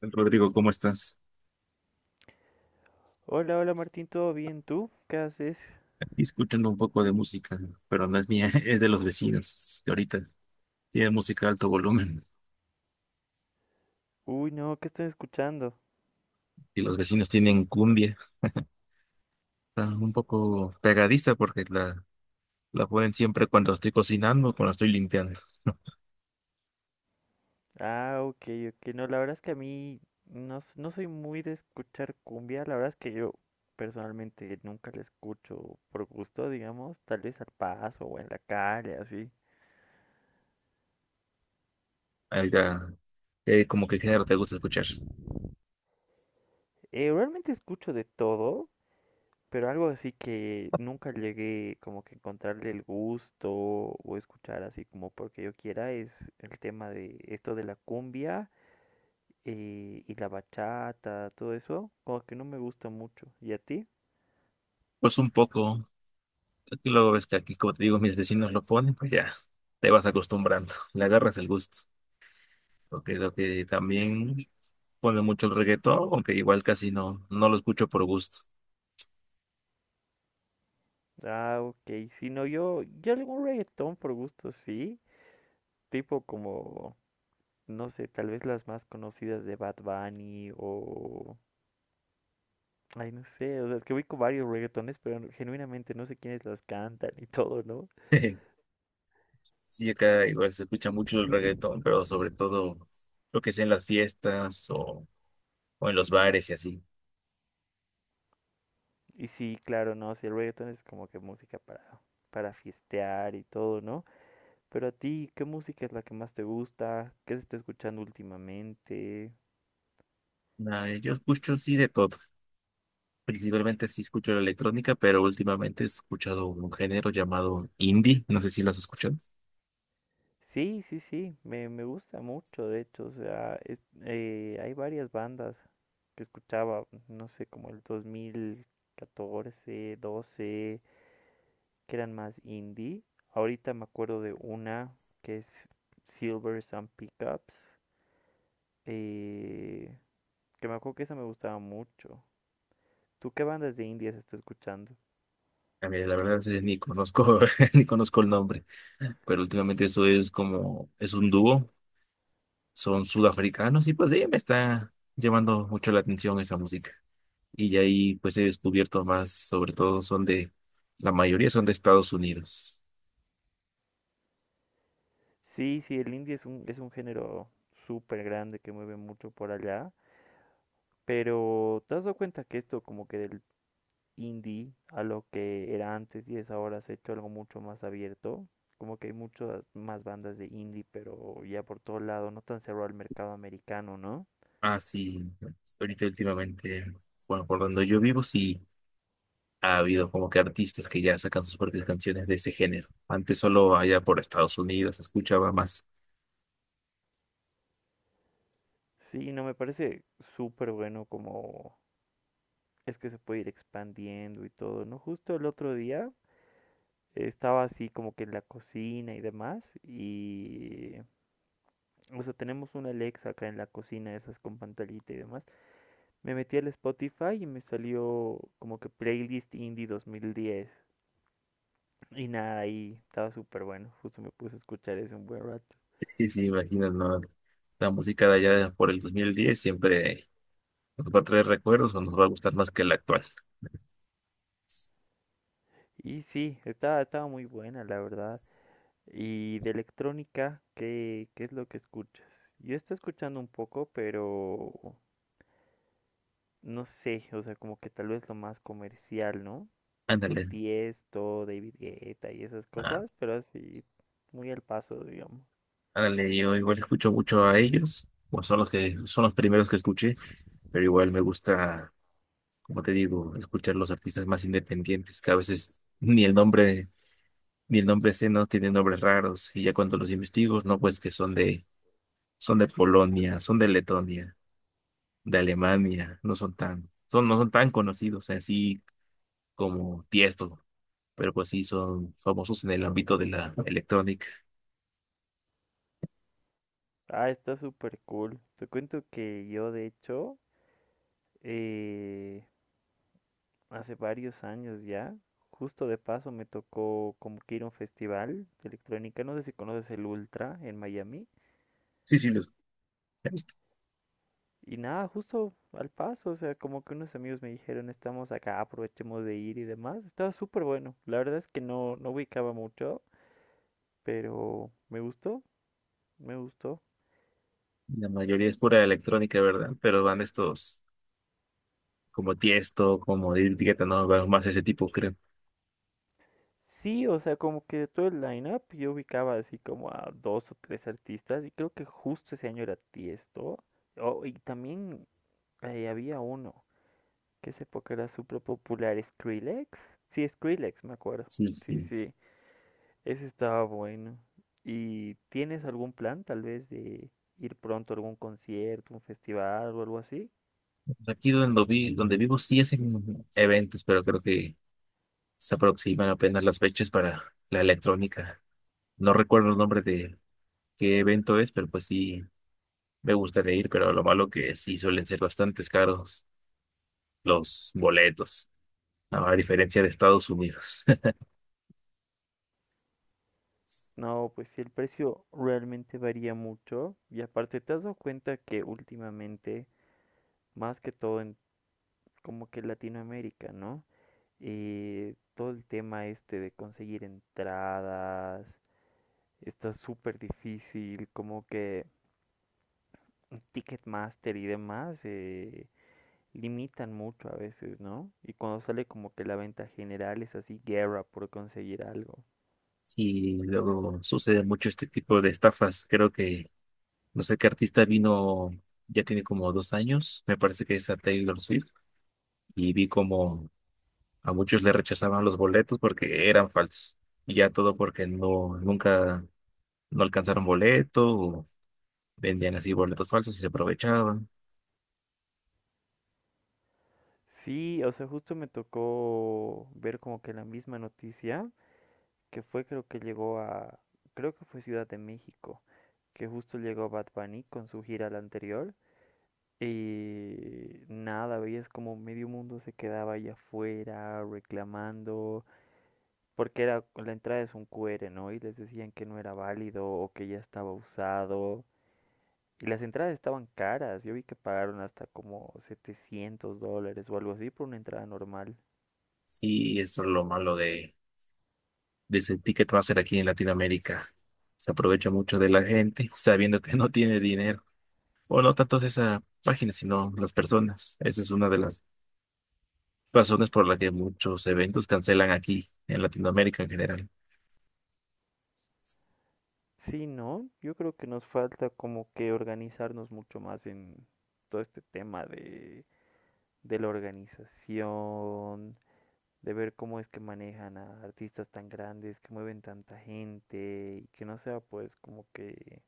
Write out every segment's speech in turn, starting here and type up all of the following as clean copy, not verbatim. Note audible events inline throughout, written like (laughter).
Rodrigo, ¿cómo estás? Hola, hola Martín, ¿todo bien? ¿Tú? ¿Qué haces? Aquí escuchando un poco de música, pero no es mía, (laughs) es de los vecinos, que ahorita tienen música a alto volumen Uy, no, ¿qué estoy escuchando? y los vecinos tienen cumbia. Está un poco pegadiza porque la ponen siempre cuando estoy cocinando, cuando estoy limpiando. Ah, ok, ok. No, la verdad es que a mí no, no soy muy de escuchar cumbia. La verdad es que yo personalmente nunca la escucho por gusto, digamos, tal vez al paso o en la calle, así. Ahí ya, como que género te gusta escuchar. Realmente escucho de todo, pero algo así que nunca llegué como que encontrarle el gusto o escuchar así como porque yo quiera es el tema de esto de la cumbia. Y la bachata, todo eso, como que no me gusta mucho. ¿Y a ti? Pues un poco, es que luego ves que aquí, como te digo, mis vecinos lo ponen, pues ya te vas acostumbrando, le agarras el gusto. Porque lo que también pone mucho el reggaetón, aunque igual casi no lo escucho por gusto. Ah, ok. Si no, yo algún reggaetón por gusto, sí. Tipo como, no sé, tal vez las más conocidas de Bad Bunny o... Ay, no sé, o sea, es que ubico varios reggaetones, pero genuinamente no sé quiénes las cantan y todo, ¿no? (laughs) Sí, acá igual se escucha mucho el reggaetón, pero sobre todo lo que sea en las fiestas o en los bares y así. Y sí, claro, no, sí, el reggaetón es como que música para fiestear y todo, ¿no? Pero a ti, ¿qué música es la que más te gusta? ¿Qué se está escuchando últimamente? Nah, yo escucho sí de todo. Principalmente sí escucho la electrónica, pero últimamente he escuchado un género llamado indie. No sé si lo has escuchado. Sí, sí, sí, me gusta mucho, de hecho, o sea, hay varias bandas que escuchaba, no sé, como el 2014, doce, que eran más indie. Ahorita me acuerdo de una que es Silver and Pickups, eh, que me acuerdo que esa me gustaba mucho. ¿Tú qué bandas de indias estás escuchando? A mí, la verdad, a veces ni conozco, (laughs) ni conozco el nombre. Pero últimamente eso es como, es un dúo. Son sudafricanos y pues sí, me está llamando mucho la atención esa música, y de ahí pues he descubierto más, sobre todo son de, la mayoría son de Estados Unidos. Sí, sí, el indie es un género súper grande que mueve mucho por allá, pero ¿te has dado cuenta que esto como que del indie a lo que era antes y es ahora se ha hecho algo mucho más abierto? Como que hay muchas más bandas de indie, pero ya por todo lado, no tan cerrado al mercado americano, ¿no? Ah, sí, ahorita últimamente, bueno, por donde yo vivo sí ha habido como que artistas que ya sacan sus propias canciones de ese género. Antes solo allá por Estados Unidos se escuchaba más. (laughs) Sí, no, me parece súper bueno como es que se puede ir expandiendo y todo, ¿no? Justo el otro día estaba así como que en la cocina y demás y o sea, tenemos una Alexa acá en la cocina, esas con pantallita y demás. Me metí al Spotify y me salió como que playlist indie 2010. Y nada, ahí estaba súper bueno. Justo me puse a escuchar eso un buen rato. Y si imaginas, ¿no? La música de allá por el 2010 siempre nos va a traer recuerdos o nos va a gustar más que la actual. Y sí, estaba muy buena, la verdad. Y de electrónica, ¿qué es lo que escuchas? Yo estoy escuchando un poco, pero no sé, o sea, como que tal vez lo más comercial, ¿no? Tipo Ándale, Tiesto, David Guetta y esas ah, cosas, pero así, muy al paso, digamos. ándale, yo igual escucho mucho a ellos, o son los que son los primeros que escuché, pero igual me gusta, como te digo, escuchar los artistas más independientes, que a veces ni el nombre, ni el nombre sé, no tienen nombres raros, y ya cuando los investigo, no, pues que son de Polonia, son de Letonia, de Alemania, no son tan, son, no son tan conocidos, así como Tiesto, pero pues sí son famosos en el ámbito de la electrónica. Ah, está súper cool. Te cuento que yo, de hecho, eh, hace varios años ya, justo de paso me tocó como que ir a un festival de electrónica, no sé si conoces el Ultra en Miami. Sí, sí, los he visto. Y nada, justo al paso, o sea, como que unos amigos me dijeron, estamos acá, aprovechemos de ir y demás. Estaba súper bueno. La verdad es que no, no ubicaba mucho, pero me gustó, me gustó. La mayoría es pura electrónica, ¿verdad? Pero van estos como Tiesto, como David Guetta, no, van más ese tipo, creo. Sí, o sea, como que de todo el lineup yo ubicaba así como a dos o tres artistas y creo que justo ese año era Tiesto. Oh, y también había uno que esa época era súper popular, Skrillex. Sí, Skrillex, me acuerdo. Sí, Sí, sí. sí. Ese estaba bueno. ¿Y tienes algún plan tal vez de ir pronto a algún concierto, un festival o algo así? Aquí donde vivo sí hacen eventos, pero creo que se aproximan apenas las fechas para la electrónica. No recuerdo el nombre de qué evento es, pero pues sí me gustaría ir, pero lo malo que sí suelen ser bastante caros los boletos, ¿no? A diferencia de Estados Unidos. (laughs) No, pues sí, el precio realmente varía mucho. Y aparte, ¿te has dado cuenta que últimamente, más que todo en como que Latinoamérica, ¿no? Todo el tema este de conseguir entradas está súper difícil, como que Ticketmaster y demás. Limitan mucho a veces, ¿no? Y cuando sale como que la venta general es así, guerra por conseguir algo. Sí, luego sucede mucho este tipo de estafas. Creo que no sé qué artista vino, ya tiene como dos años, me parece que es a Taylor Swift, y vi como a muchos le rechazaban los boletos porque eran falsos. Y ya todo porque no, nunca no alcanzaron boleto o vendían así boletos falsos y se aprovechaban. Sí, o sea, justo me tocó ver como que la misma noticia, que fue creo que llegó a, creo que fue Ciudad de México, que justo llegó Bad Bunny con su gira la anterior. Y nada, veías como medio mundo se quedaba ahí afuera reclamando, porque era, la entrada es un QR, ¿no? Y les decían que no era válido o que ya estaba usado. Y las entradas estaban caras. Yo vi que pagaron hasta como $700 o algo así por una entrada normal. Sí, eso es lo malo de ese ticket ser aquí en Latinoamérica. Se aprovecha mucho de la gente (laughs) sabiendo que no tiene dinero. O no tanto esa página, sino las personas. Esa es una de las razones por la que muchos eventos cancelan aquí en Latinoamérica en general. (laughs) Sí, ¿no? Yo creo que nos falta como que organizarnos mucho más en todo este tema de la organización, de ver cómo es que manejan a artistas tan grandes, que mueven tanta gente y que no sea pues como que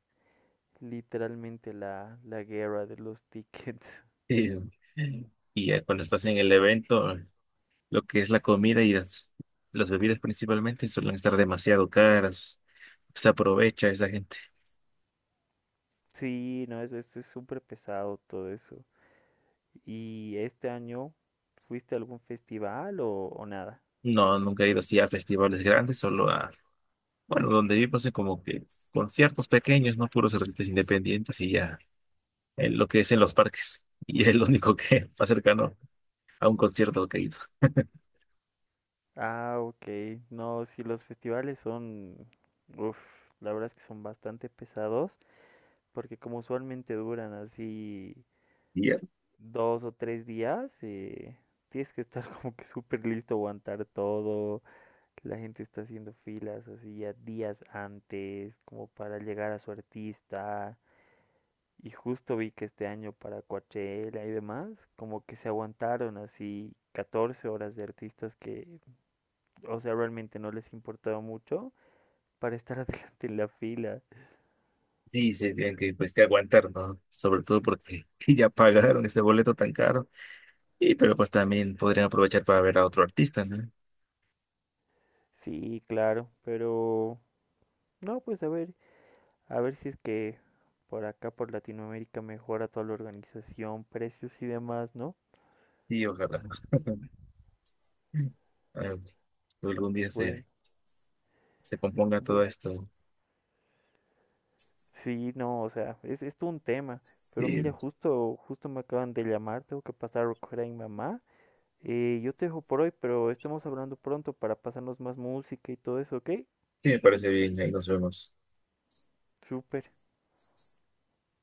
literalmente la guerra de los tickets. (laughs) Eh, y ya cuando estás en el evento, lo que es la comida y las bebidas principalmente suelen estar demasiado caras. Se aprovecha esa gente. Sí, no, eso es súper pesado todo eso. ¿Y este año fuiste a algún festival o nada? No, nunca he ido así a festivales grandes, solo a, bueno, donde vivo son como que conciertos pequeños, no puros artistas independientes y ya, en lo que es en los parques. Y es lo único que (laughs) más cercano a un concierto que he ido. Ah, ok. No, sí, los festivales son, uf, la verdad es que son bastante pesados, porque como usualmente duran así Y ya, 2 o 3 días, tienes que estar (laughs) como que súper listo, aguantar todo. La gente está haciendo filas así ya días antes, como para llegar a su artista. Y justo vi que este año para Coachella y demás, como que se aguantaron así 14 horas de artistas que, o sea, realmente no les importaba mucho para estar (laughs) adelante en la fila. sí, se tienen que, pues, que aguantar, ¿no? Sobre todo porque (laughs) ya pagaron ese boleto tan caro. Y pero pues también podrían aprovechar para ver a otro artista, ¿no? Sí, claro, pero no, pues a ver si es que por acá, por Latinoamérica, mejora toda la organización, precios y demás, ¿no? Sí, ojalá, eh, algún día Bueno, se se componga todo bueno. esto. Sí, no, o sea, es todo un tema. Pero mira, Sí, justo, justo me acaban de llamar, tengo que pasar a recoger a mi mamá. Yo te dejo por hoy, pero estemos hablando pronto para pasarnos más música y todo eso, ¿ok? sí, me parece bien. Ahí nos vemos. Súper.